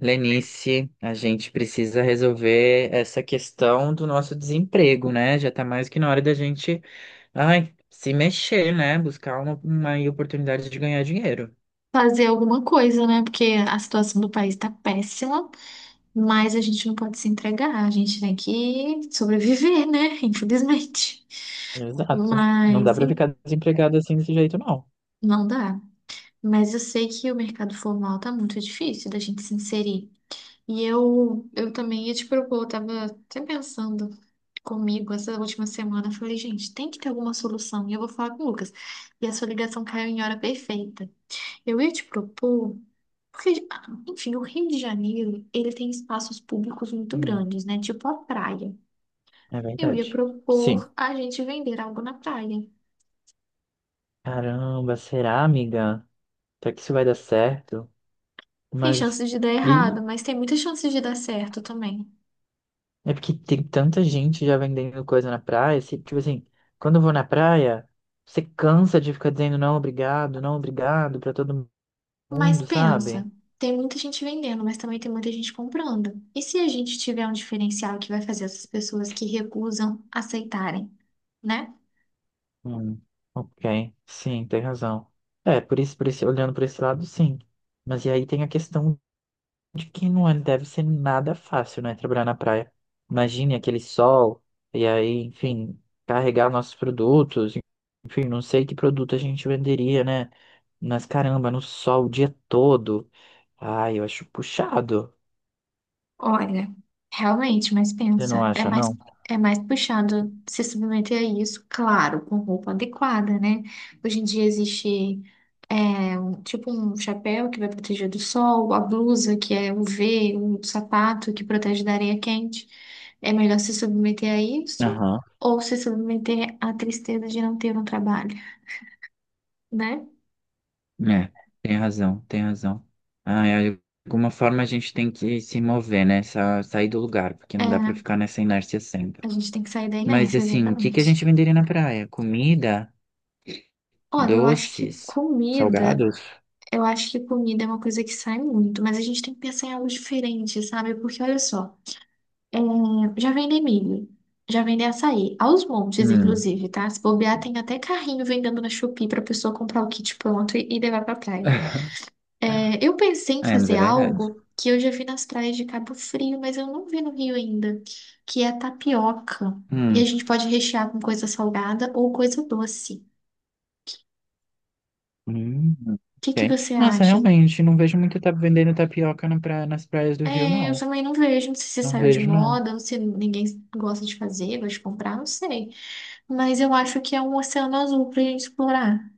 Lenice, a gente precisa resolver essa questão do nosso desemprego, né? Já tá mais que na hora da gente, ai, se mexer, né? Buscar uma aí oportunidade de ganhar dinheiro. Fazer alguma coisa, né? Porque a situação do país tá péssima, mas a gente não pode se entregar, a gente tem que sobreviver, né? Infelizmente. Exato. Não dá Mas pra em- ficar desempregado assim desse jeito, não. não dá. Mas eu sei que o mercado formal tá muito difícil da gente se inserir. E eu também ia te propor, eu tava até pensando comigo essa última semana, eu falei, gente, tem que ter alguma solução. E eu vou falar com o Lucas. E a sua ligação caiu em hora perfeita. Eu ia te propor, porque, ah, enfim, o Rio de Janeiro, ele tem espaços públicos muito Hum, grandes, né? Tipo a praia. é Eu ia verdade. propor Sim. a gente vender algo na praia. Caramba, será, amiga? Será que isso vai dar certo? Tem Mas. chances de dar errado, Ih, mas tem muitas chances de dar certo também. é porque tem tanta gente já vendendo coisa na praia. Tipo assim, quando eu vou na praia, você cansa de ficar dizendo não, obrigado, não, obrigado pra todo Mas mundo, sabe? pensa, tem muita gente vendendo, mas também tem muita gente comprando. E se a gente tiver um diferencial que vai fazer essas pessoas que recusam aceitarem, né? Hum, ok, sim, tem razão. É, por isso, por esse, olhando por esse lado, sim. Mas e aí tem a questão de que deve ser nada fácil, né? Trabalhar na praia. Imagine aquele sol, e aí, enfim, carregar nossos produtos. Enfim, não sei que produto a gente venderia, né? Mas caramba, no sol o dia todo. Ai, eu acho puxado. Olha, realmente, mas Você não pensa, é acha, mais, não? é mais puxado se submeter a isso, claro, com roupa adequada, né? Hoje em dia existe tipo um chapéu que vai proteger do sol, a blusa que é UV, um sapato que protege da areia quente. É melhor se submeter a isso Aham, ou se submeter à tristeza de não ter um trabalho, né? é, tem razão. Ah, é, de alguma forma a gente tem que se mover, né? Sair do lugar, porque não dá pra É, ficar nessa inércia a sempre. gente tem que sair da Mas inércia, assim, o que que a exatamente. gente venderia na praia? Comida? Olha, eu acho que Doces? comida. Salgados? Eu acho que comida é uma coisa que sai muito, mas a gente tem que pensar em algo diferente, sabe? Porque olha só, é, já vendem milho, já vendem açaí, aos montes, Hum. inclusive, tá? Se bobear, tem até carrinho vendendo na Shopee pra pessoa comprar o kit pronto e levar pra praia. É, eu pensei em É, mas é fazer verdade. algo que eu já vi nas praias de Cabo Frio, mas eu não vi no Rio ainda, que é a tapioca. E a Hum. gente pode rechear com coisa salgada ou coisa doce. O Hum. que que Ok. você Nossa, acha? realmente, não vejo muito tá vendendo tapioca na praia, nas praias do Rio, É, eu não. também não vejo, não sei se Não saiu de vejo, não. moda, ou se ninguém gosta de fazer, gosta de comprar, não sei. Mas eu acho que é um oceano azul pra gente explorar.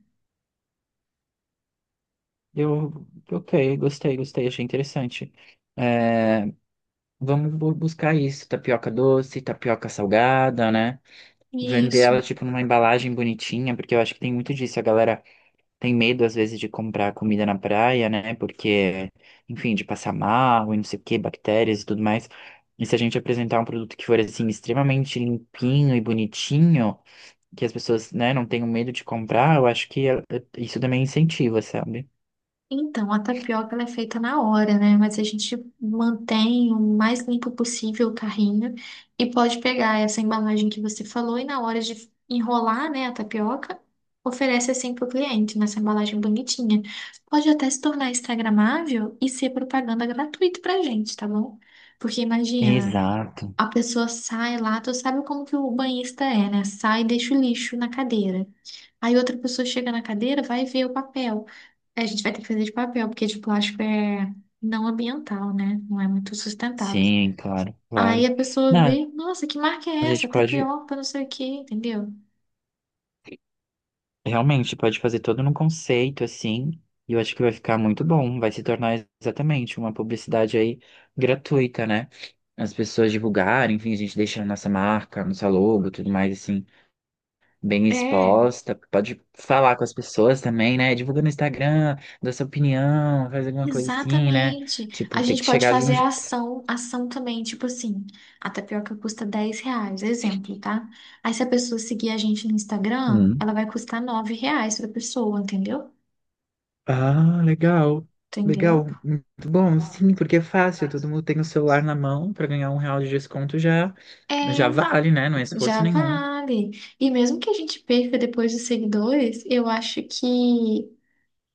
Eu, ok, gostei, achei interessante. É, vamos buscar isso, tapioca doce, tapioca salgada, né? Vender Isso. ela, tipo, numa embalagem bonitinha, porque eu acho que tem muito disso. A galera tem medo às vezes de comprar comida na praia, né? Porque, enfim, de passar mal e não sei o que, bactérias e tudo mais. E se a gente apresentar um produto que for assim extremamente limpinho e bonitinho, que as pessoas, né, não tenham medo de comprar, eu acho que isso também incentiva, sabe? Então, a tapioca ela é feita na hora, né? Mas a gente mantém o mais limpo possível o carrinho e pode pegar essa embalagem que você falou e na hora de enrolar, né, a tapioca, oferece assim para o cliente, nessa embalagem bonitinha. Pode até se tornar instagramável e ser propaganda gratuita pra gente, tá bom? Porque imagina, Exato. a pessoa sai lá, tu sabe como que o banhista é, né? Sai e deixa o lixo na cadeira. Aí outra pessoa chega na cadeira, vai ver o papel. A gente vai ter que fazer de papel, porque de plástico é não ambiental, né? Não é muito sustentável. Sim, claro, Aí claro. a pessoa Não, vê, nossa, que marca é a essa? gente pode. Tapioca, não sei o quê, entendeu? Realmente, pode fazer todo num conceito assim, e eu acho que vai ficar muito bom. Vai se tornar exatamente uma publicidade aí gratuita, né? As pessoas divulgarem, enfim, a gente deixa a nossa marca, nossa logo, tudo mais assim, bem É, exposta. Pode falar com as pessoas também, né? Divulga no Instagram, dá sua opinião, faz alguma coisa assim, né? exatamente. A Tipo, tem gente que pode chegar de um. fazer a ação também, tipo assim, a tapioca custa R$ 10, exemplo, tá? Aí se a pessoa seguir a gente no Instagram, je- ela vai custar R$ 9 pra pessoa, entendeu? Ah, legal. Entendeu? Legal, muito bom, sim, porque é fácil, todo mundo tem o celular na mão para ganhar um real de desconto já, já É. vale, né? Não é Já esforço nenhum. vale. E mesmo que a gente perca depois os seguidores, eu acho que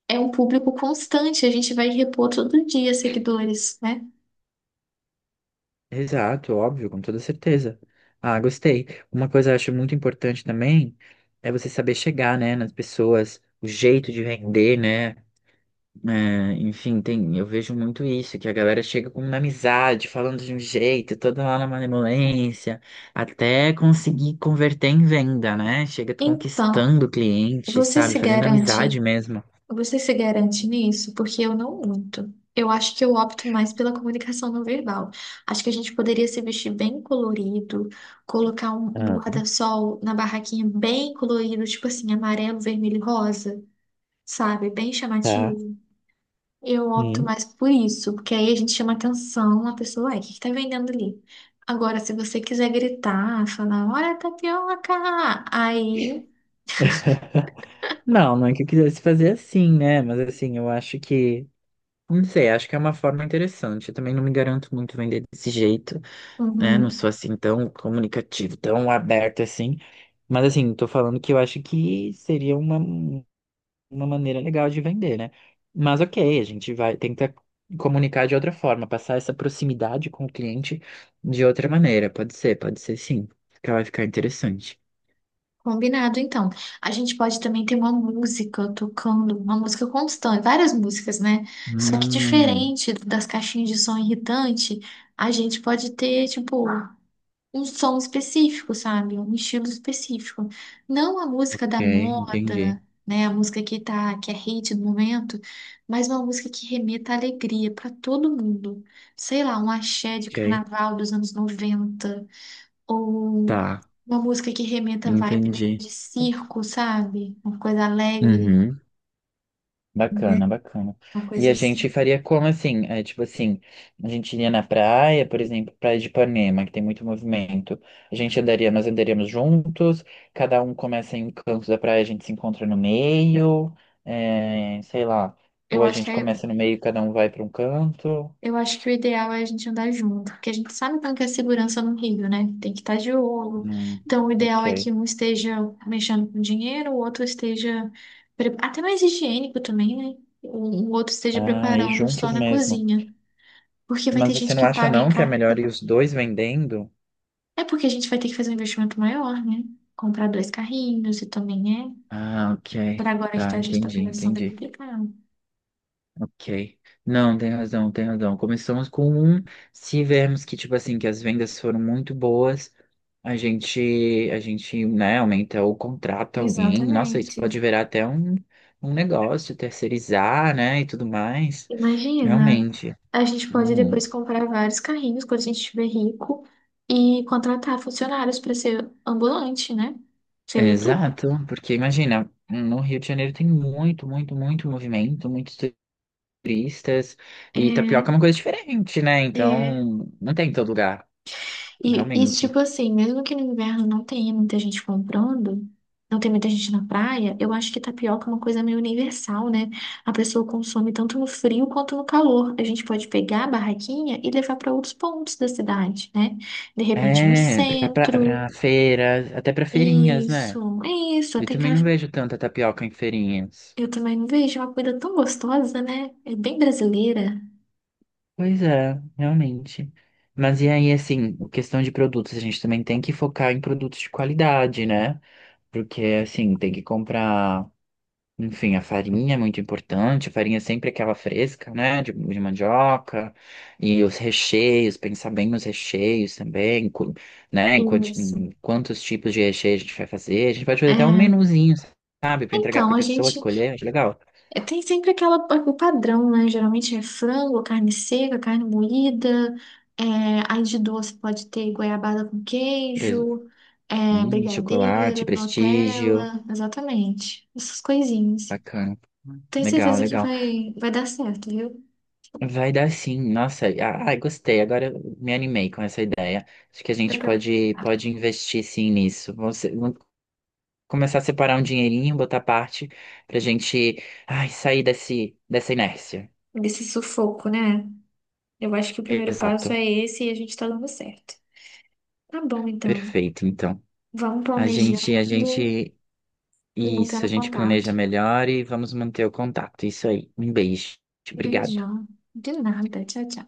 é um público constante, a gente vai repor todo dia seguidores, né? Exato, óbvio, com toda certeza. Ah, gostei. Uma coisa que eu acho muito importante também é você saber chegar, né, nas pessoas, o jeito de vender, né? É, enfim, tem, eu vejo muito isso, que a galera chega com uma amizade, falando de um jeito, toda lá na malemolência, até conseguir converter em venda, né? Chega Então, conquistando o cliente, você sabe? se Fazendo amizade garante, mesmo. você se garante nisso? Porque eu não muito. Eu acho que eu opto mais pela comunicação não verbal. Acho que a gente poderia se vestir bem colorido, colocar um Ah, guarda-sol na barraquinha bem colorido, tipo assim, amarelo, vermelho e rosa, sabe? Bem tá. chamativo. Eu opto Hum. mais por isso, porque aí a gente chama atenção, a pessoa, ué, o que que tá vendendo ali? Agora, se você quiser gritar, falar, olha a tapioca, aí, Não, não é que eu quisesse fazer assim, né? Mas assim, eu acho que, não sei, acho que é uma forma interessante. Eu também não me garanto muito vender desse jeito. Né? Não sou uhum, assim tão comunicativo, tão aberto assim. Mas assim, tô falando que eu acho que seria uma maneira legal de vender, né? Mas ok, a gente vai tentar comunicar de outra forma, passar essa proximidade com o cliente de outra maneira. Pode ser sim. Que vai ficar interessante. combinado então. A gente pode também ter uma música tocando, uma música constante, várias músicas, né? Só que Hum, diferente das caixinhas de som irritante, a gente pode ter, tipo, um som específico, sabe? Um estilo específico. Não a música ok, da entendi. moda, né? A música que tá, que é hate no momento, mas uma música que remeta à alegria para todo mundo. Sei lá, um axé de Ok, carnaval dos anos 90 ou tá, uma música que remeta à vibe meio entendi. de circo, sabe? Uma coisa alegre, Uhum. né? Bacana, bacana. Uma E coisa a assim. gente faria como assim? É, tipo assim, a gente iria na praia, por exemplo, praia de Ipanema, que tem muito movimento. A gente andaria, nós andaríamos juntos, cada um começa em um canto da praia, a gente se encontra no meio, é, sei lá. Eu Ou a acho gente que é começa no meio, cada um vai para um canto. Eu acho que o ideal é a gente andar junto, porque a gente sabe como que é a segurança no Rio, né? Tem que estar de olho. Hum, Então, o ok. ideal é que um esteja mexendo com dinheiro, o outro esteja. Até mais higiênico também, né? O outro esteja Ah, e preparando juntos só na mesmo. cozinha. Porque vai Mas ter você gente não que acha paga em não que é cartão. melhor ir os dois vendendo? É porque a gente vai ter que fazer um investimento maior, né? Comprar dois carrinhos e também é. Ah, ok. Para agora que Tá, tá, a gente está entendi, começando a entendi. complicar. Ok. Não, tem razão. Começamos com um. Se vermos que, tipo assim, que as vendas foram muito boas, a gente, né, aumenta o contrato a alguém. Nossa, isso Exatamente. pode virar até um, um negócio, terceirizar, né, e tudo mais. Imagina, Realmente. a gente pode Uhum. depois comprar vários carrinhos quando a gente estiver rico e contratar funcionários para ser ambulante, né? Seria tudo. Exato, porque imagina, no Rio de Janeiro tem muito, muito, muito movimento, muitos turistas, e É, tapioca é uma coisa diferente, né? é. Então, não tem em todo lugar, E isso, realmente. tipo assim, mesmo que no inverno não tenha muita gente comprando, não tem muita gente na praia, eu acho que tapioca é uma coisa meio universal, né? A pessoa consome tanto no frio quanto no calor. A gente pode pegar a barraquinha e levar para outros pontos da cidade, né? De repente no É, pra, pra, centro. pra feiras, até pra feirinhas, né? Isso, é isso. Eu Até também não cara vejo tanta tapioca em feirinhas. eu também não vejo uma comida tão gostosa, né? É bem brasileira. Pois é, realmente. Mas e aí, assim, questão de produtos, a gente também tem que focar em produtos de qualidade, né? Porque, assim, tem que comprar. Enfim, a farinha é muito importante, a farinha é sempre aquela fresca, né, de mandioca, e os recheios, pensar bem nos recheios também, né, em, Isso. em quantos tipos de recheio a gente vai fazer, a gente pode fazer até um É. menuzinho, sabe, para entregar Então, para a a pessoa gente escolher, acho legal. é, tem sempre aquela, o padrão, né? Geralmente é frango, carne seca, carne moída. É, aí de doce pode ter goiabada com Pres- queijo, é, chocolate, brigadeiro, prestígio, Nutella. Exatamente. Essas coisinhas. bacana, Tenho legal, certeza que legal. vai dar certo, viu? Vai dar sim, nossa, ai, gostei, agora eu me animei com essa ideia. Acho que a Dá gente pra me pode, pode investir sim nisso. Você, começar a separar um dinheirinho, botar parte pra gente, ai, sair desse, dessa inércia. Desse sufoco, né? Eu acho que o primeiro passo Exato. é esse e a gente tá dando certo. Tá bom, então. Perfeito, então. Vamos A gente, a planejando gente, e isso, a mantendo gente contato. planeja melhor e vamos manter o contato. Isso aí. Um beijo. Obrigado. Beijão. De nada. Tchau, tchau.